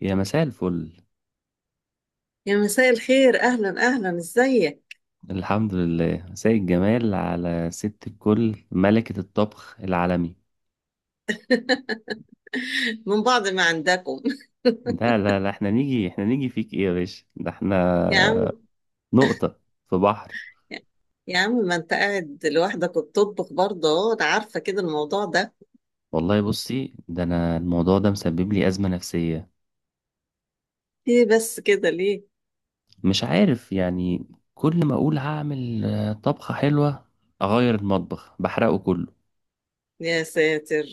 يا مساء الفل. يا مساء الخير، اهلا اهلا، ازيك؟ الحمد لله، مساء الجمال على ست الكل، ملكة الطبخ العالمي. من بعض ما عندكم. لا لا لا، احنا نيجي فيك ايه يا باشا؟ ده احنا يا عم، نقطة في بحر. يا عم، ما انت قاعد لوحدك وبتطبخ برضه اهو، انا عارفه كده الموضوع ده. والله بصي، ده انا الموضوع ده مسبب لي أزمة نفسية. ايه بس كده ليه؟ مش عارف يعني، كل ما اقول هعمل طبخة حلوة، اغير المطبخ بحرقه كله. يا ساتر.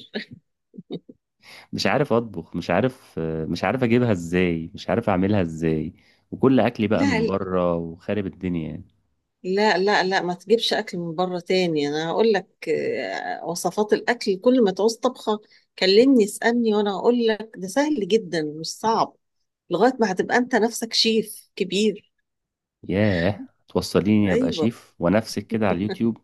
مش عارف اطبخ، مش عارف مش عارف اجيبها ازاي، مش عارف اعملها ازاي، وكل اكلي بقى من لا بره وخارب الدنيا يعني. لا لا لا ما تجيبش اكل من بره تاني، انا هقول لك وصفات الاكل، كل ما تعوز طبخه كلمني، اسالني، وانا هقول لك ده سهل جدا مش صعب، لغايه ما هتبقى انت نفسك شيف كبير. ياه، توصليني ابقى ايوه، شيف؟ ونفسك كده على اليوتيوب؟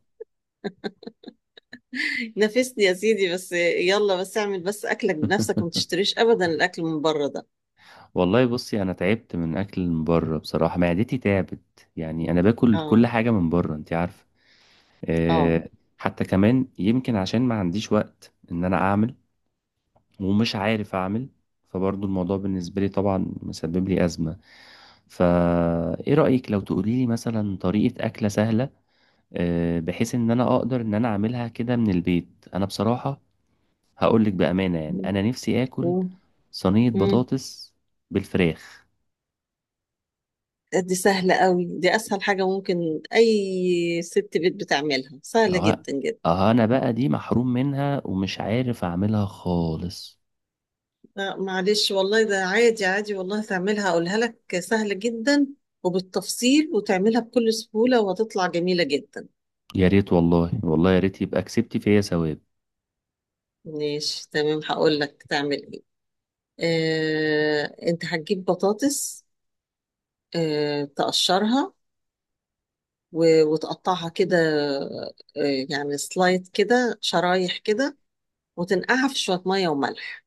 نافسني يا سيدي، بس يلا، بس اعمل بس اكلك بنفسك وما تشتريش ابدا الاكل من بره ده. والله بصي، انا تعبت من اكل من بره بصراحه، معدتي تعبت، يعني انا باكل كل اه. حاجه من بره، انت عارفه. اه. أه. حتى كمان يمكن عشان ما عنديش وقت ان انا اعمل، ومش عارف اعمل، فبرضو الموضوع بالنسبه لي طبعا مسبب لي ازمه. فا ايه رايك لو تقولي لي مثلا طريقه اكله سهله؟ بحيث ان انا اقدر ان انا اعملها كده من البيت. انا بصراحه هقول لك بامانه، يعني مم. انا نفسي اكل مم. صينية مم. بطاطس بالفراخ. دي سهلة قوي، دي اسهل حاجة ممكن اي ست بيت بتعملها، سهلة اه. جدا جدا. اه، انا بقى دي محروم منها ومش عارف اعملها خالص. لا، معلش والله ده عادي عادي، والله تعملها، اقولها لك سهلة جدا، وبالتفصيل، وتعملها بكل سهولة، وهتطلع جميلة جدا. يا ريت، والله والله يا ريت، يبقى كسبتي فيا ثواب. ماشي، تمام، هقول لك تعمل ايه. انت هتجيب بطاطس، تقشرها، وتقطعها كده، يعني سلايد كده، شرايح كده، وتنقعها في شوية مية وملح.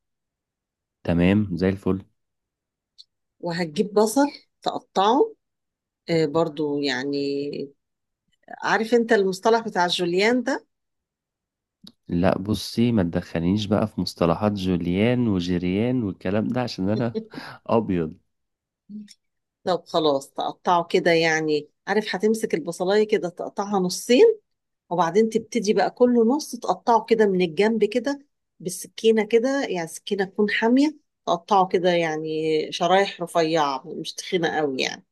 تمام زي الفل. وهتجيب بصل، تقطعه، برضو يعني، عارف انت المصطلح بتاع الجوليان ده؟ لا بصي، ما تدخلنيش بقى في مصطلحات جوليان وجيريان والكلام ده عشان انا ابيض. طب خلاص، تقطعه كده يعني، عارف هتمسك البصلاية كده تقطعها نصين، وبعدين تبتدي بقى كل نص تقطعه كده من الجنب كده، بالسكينة كده، يعني السكينة تكون حامية، تقطعه كده يعني، شرايح رفيعة مش تخينة قوي يعني.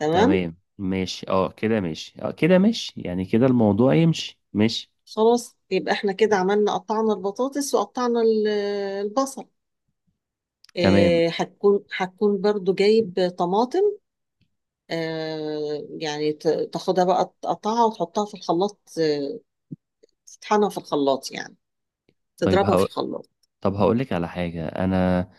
تمام. تمام ماشي، اه كده ماشي، اه كده ماشي، يعني كده الموضوع يمشي، ماشي. خلاص، يبقى احنا كده عملنا، قطعنا البطاطس وقطعنا البصل. تمام. هتكون برضو جايب طماطم، يعني تاخدها بقى، تقطعها وتحطها في الخلاط، تطحنها في الخلاط، يعني طيب تضربها في هقول الخلاط. طب هقولك على حاجة. أنا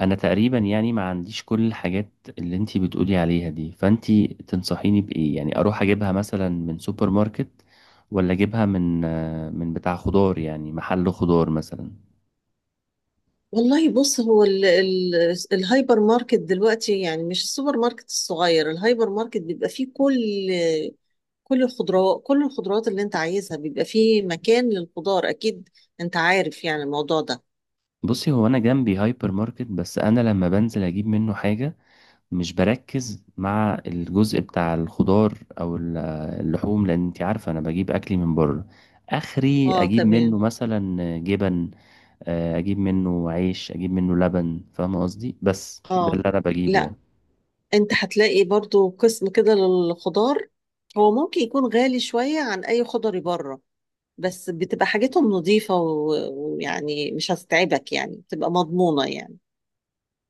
أنا تقريبا يعني ما عنديش كل الحاجات اللي أنتي بتقولي عليها دي، فأنتي تنصحيني بإيه؟ يعني أروح أجيبها مثلا من سوبر ماركت، ولا أجيبها من بتاع خضار، يعني محل خضار مثلا؟ والله بص، هو ال ال الهايبر ماركت دلوقتي يعني، مش السوبر ماركت الصغير، الهايبر ماركت بيبقى فيه كل الخضروات، كل الخضروات اللي انت عايزها، بيبقى فيه مكان للخضار اكيد، انت عارف يعني الموضوع ده. بصي، هو أنا جنبي هايبر ماركت، بس أنا لما بنزل أجيب منه حاجة مش بركز مع الجزء بتاع الخضار أو ال- اللحوم، لأن أنتي عارفة أنا بجيب أكلي من بره. آخري اه. أجيب منه تمام. مثلا جبن، اجيب منه عيش، اجيب منه لبن، فاهم قصدي؟ بس ده اه. اللي انا بجيبه لا، يعني. انت هتلاقي برضو قسم كده للخضار، هو ممكن يكون غالي شوية عن اي خضري بره، بس بتبقى حاجتهم نظيفة، ويعني مش هتتعبك يعني، بتبقى مضمونة يعني.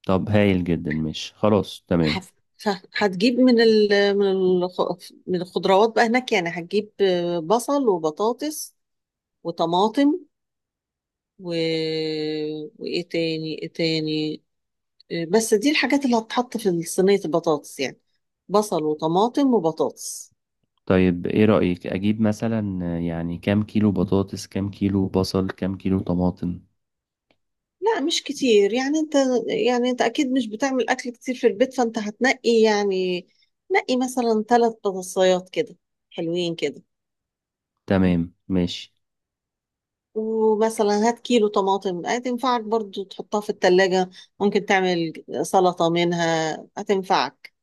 طب هايل جدا، مش خلاص تمام. هف- ف- هتجيب من من الخضروات بقى هناك، يعني هتجيب بصل وبطاطس وطماطم و... وايه تاني، ايه تاني، بس دي الحاجات اللي هتتحط في صينية البطاطس يعني، بصل وطماطم وبطاطس. طيب ايه رأيك اجيب مثلا، يعني كام كيلو بطاطس، كام كيلو بصل، كام كيلو طماطم؟ لا مش كتير يعني، انت اكيد مش بتعمل اكل كتير في البيت، فانت هتنقي يعني، نقي مثلا ثلاث بطاطسيات كده، حلوين كده. تمام ماشي. ومثلا هات كيلو طماطم، هتنفعك برضو تحطها في التلاجة، ممكن تعمل سلطة منها، هتنفعك.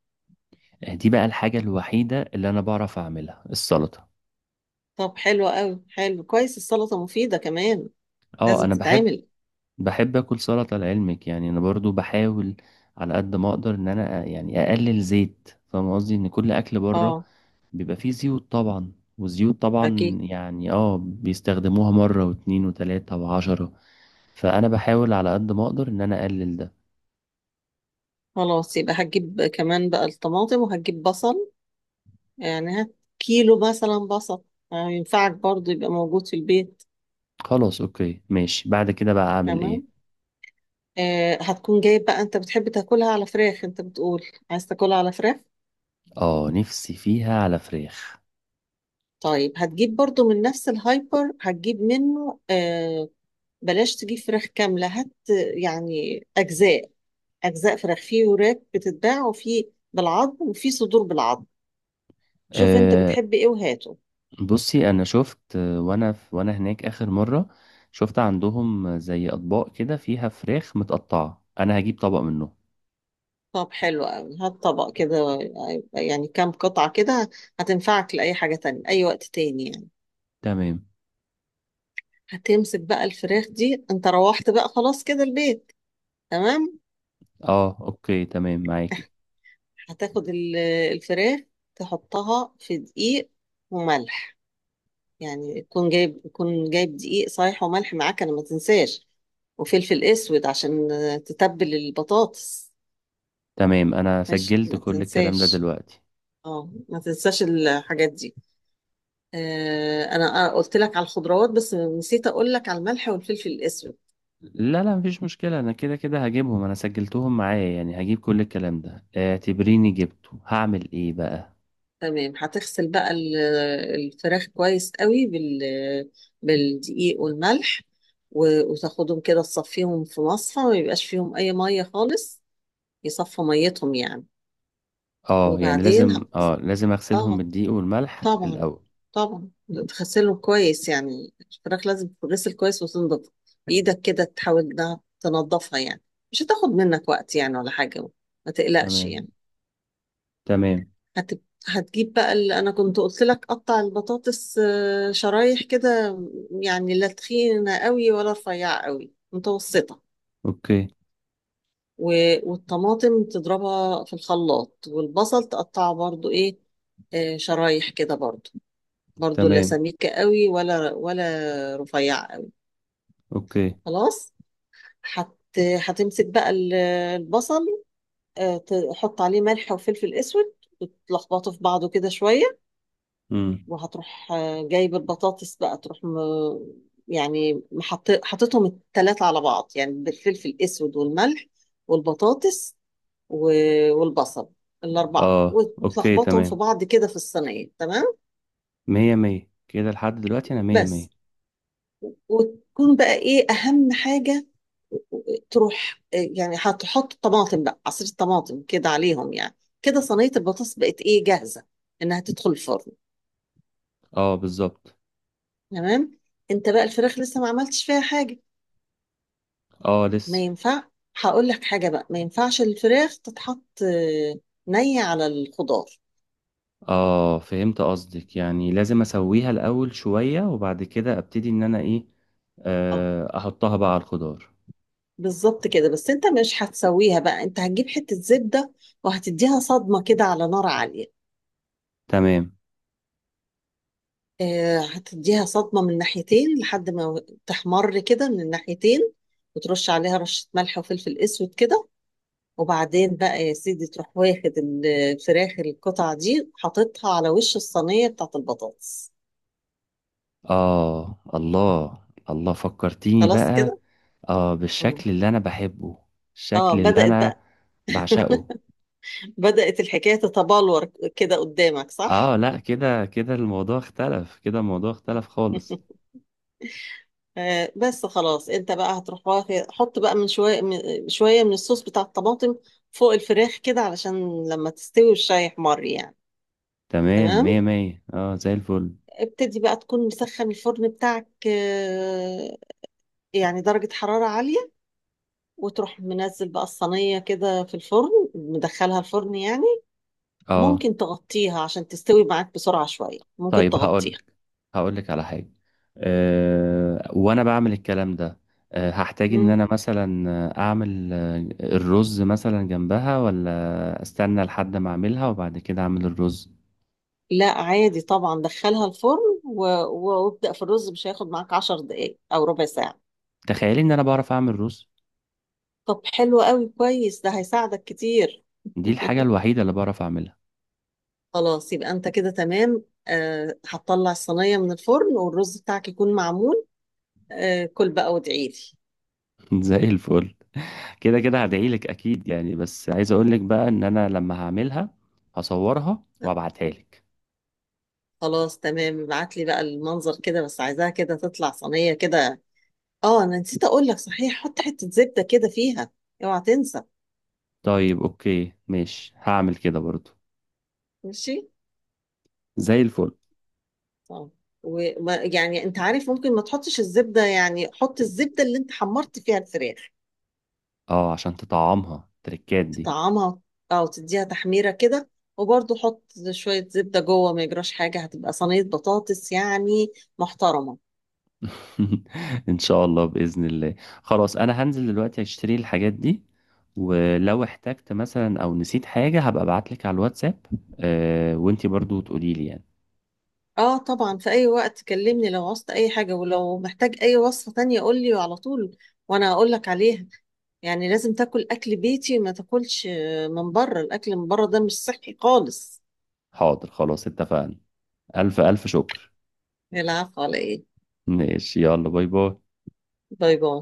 دي بقى الحاجة الوحيدة اللي انا بعرف اعملها، السلطة. طب حلو قوي، حلو كويس، السلطة مفيدة كمان، اه لازم انا بحب تتعمل. بحب اكل سلطة لعلمك، يعني انا برضو بحاول على قد ما اقدر ان انا يعني اقلل زيت. فاهم قصدي؟ ان كل اكل بره اه بيبقى فيه زيوت طبعا، والزيوت طبعا اكيد. يعني اه بيستخدموها مرة 2 و3 و10، فأنا بحاول على قد ما أقدر إن أنا أقلل ده. خلاص يبقى هتجيب كمان بقى الطماطم وهتجيب بصل، يعني هات كيلو مثلا بصل، ينفعك برضو يبقى موجود في البيت. خلاص أوكي ماشي، بعد كده بقى أعمل إيه؟ تمام. هتكون جايب بقى، انت بتحب تاكلها على فراخ، انت بتقول عايز تاكلها على فراخ. اه، نفسي فيها على فراخ. طيب، هتجيب برضو من نفس الهايبر، هتجيب منه بلاش تجيب فراخ كاملة، هات يعني أجزاء فراخ، في وراك بتتباع وفي بالعظم وفي صدور بالعظم، شوف انت أه. بتحب ايه وهاته. بصي، أنا شفت وأنا هناك آخر مرة شفت عندهم زي أطباق كده فيها فراخ متقطعة، أنا هجيب طبق منه. طب حلو قوي، هات طبق كده، يعني كام قطعة كده، هتنفعك لأي حاجة تانية أي وقت تاني يعني. تمام. هتمسك بقى الفراخ دي، انت روحت بقى خلاص كده البيت، تمام. اه اوكي تمام، معاكي. هتاخد الفراخ، تحطها في دقيق وملح، يعني تكون جايب دقيق صحيح وملح معاك، انا ما تنساش، وفلفل اسود، عشان تتبل البطاطس. تمام، أنا ماشي، سجلت ما كل الكلام ده تنساش، دلوقتي. اه ما تنساش الحاجات دي. انا قلت لك على الخضروات، بس نسيت اقول لك على الملح والفلفل الاسود. لا لا، مفيش مشكلة، أنا كده كده هجيبهم، أنا سجلتهم معايا يعني، هجيب كل الكلام ده، اعتبريني جبته. هعمل إيه بقى؟ تمام، هتغسل بقى الفراخ كويس قوي بالدقيق والملح، وتاخدهم كده، تصفيهم في مصفى، ما يبقاش فيهم اي ميه خالص، يصفوا ميتهم يعني. اه، يعني وبعدين لازم، ه- لازم أغسلهم اه بالدقيق والملح طبعا، الأول؟ طبعا تغسلهم كويس، يعني الفراخ لازم تتغسل كويس وتنضف، بايدك كده تحاول إنها تنضفها يعني، مش هتاخد منك وقت يعني ولا حاجه، ما تقلقش تمام. يعني. تمام. هت... هتجيب بقى اللي انا كنت قلت لك، قطع البطاطس شرايح كده، يعني لا تخينه قوي ولا رفيعه قوي، متوسطه. أوكي و... والطماطم تضربها في الخلاط، والبصل تقطعه برضو ايه، شرايح كده برضو، برضو لا تمام. سميكه قوي ولا رفيعه قوي. أوكي. خلاص. هت... هتمسك بقى البصل، تحط عليه ملح وفلفل اسود، وتلخبطه في بعضه كده شويه. أمم. وهتروح جايب البطاطس بقى، تروح يعني حطيتهم التلاتة على بعض، يعني بالفلفل الأسود والملح والبطاطس و... والبصل، الأربعة، اه أوكي وتلخبطهم في تمام. بعض كده في الصينية، تمام. مية مية كده لحد دلوقتي، أنا مية مية. بس، وتكون بقى إيه أهم حاجة، تروح يعني هتحط طماطم بقى، عصير الطماطم كده عليهم يعني، كده صينية البطاطس بقت إيه، جاهزة إنها تدخل الفرن. اه بالظبط. تمام. أنت بقى الفراخ لسه ما عملتش فيها حاجة، اه ما لسه. ينفع. هقول لك حاجة بقى، ما ينفعش الفراخ تتحط نية على الخضار. اه فهمت قصدك، يعني لازم أسويها الأول شوية وبعد كده أبتدي إن أنا إيه، اه أحطها بقى على الخضار. بالظبط كده، بس انت مش هتسويها بقى، انت هتجيب حتة زبدة، وهتديها صدمة كده على نار عالية. تمام. هتديها صدمة من ناحيتين، لحد ما تحمر كده من الناحيتين، وترش عليها رشة ملح وفلفل اسود كده. وبعدين بقى يا سيدي، تروح واخد الفراخ القطع دي، حاططها على وش الصينية بتاعت البطاطس. آه الله. الله، فكرتيني خلاص بقى. كده. آه اه، بالشكل اللي أنا بحبه، الشكل اللي بدأت أنا بقى. بعشقه. بدأت الحكاية تتبلور كده قدامك، صح؟ آه لا، كده كده الموضوع اختلف، كده الموضوع اختلف خالص. بس خلاص، انت بقى هتروح حط بقى من شوية من الصوص بتاع الطماطم فوق الفراخ كده، علشان لما تستوي الشاي يحمر يعني. تمام مية تمام، مية، آه زي الفل. ابتدي بقى، تكون مسخن الفرن بتاعك، يعني درجة حرارة عالية، وتروح منزل بقى الصينية كده في الفرن، مدخلها الفرن يعني. آه. ممكن تغطيها عشان تستوي معاك بسرعة شوية، ممكن طيب تغطيها. هقولك على حاجة. آه وأنا بعمل الكلام ده، هحتاج إن أنا مثلا أعمل الرز مثلا جنبها، ولا أستنى لحد ما أعملها وبعد كده أعمل الرز؟ لا عادي طبعا، دخلها الفرن وابدأ في الرز، مش هياخد معاك 10 دقايق أو ربع ساعة. تخيلي ان انا بعرف اعمل رز! طب حلو قوي، كويس، ده هيساعدك كتير. دي الحاجة الوحيدة اللي بعرف اعملها. خلاص يبقى أنت كده تمام. هتطلع الصينية من الفرن والرز بتاعك يكون معمول. كل بقى وادعيلي. زي الفل. كده كده هدعيلك اكيد يعني، بس عايز اقولك بقى ان انا لما هعملها هصورها وابعتها لك. خلاص تمام، ابعت لي بقى المنظر كده، بس عايزاها كده تطلع صينية كده. اه انا نسيت اقول لك، صحيح حط حتة زبدة كده فيها، اوعى تنسى. طيب اوكي ماشي، هعمل كده برضو. ماشي. زي الفل. اه وما يعني، انت عارف ممكن ما تحطش الزبده، يعني حط الزبده اللي انت حمرت فيها الفراخ، اه، عشان تطعمها التركات دي. تطعمها، او تديها تحميره كده، وبرضه حط شويه زبده جوه، ما يجراش حاجه، هتبقى صينيه بطاطس يعني محترمه. ان شاء الله، باذن الله. خلاص، انا هنزل دلوقتي اشتري الحاجات دي، ولو احتجت مثلا او نسيت حاجة هبقى ابعتلك على الواتساب. آه، وانتي برضو تقولي لي يعني. اه طبعا، في اي وقت كلمني لو عوزت اي حاجه، ولو محتاج اي وصفه تانية قول لي على طول، وانا اقول لك عليها، يعني لازم تاكل اكل بيتي، ما تاكلش من بره، الاكل من بره ده مش صحي خالص. حاضر، خلاص اتفقنا. ألف ألف شكر. العفو، على ايه؟ ماشي يلا، باي باي. باي باي.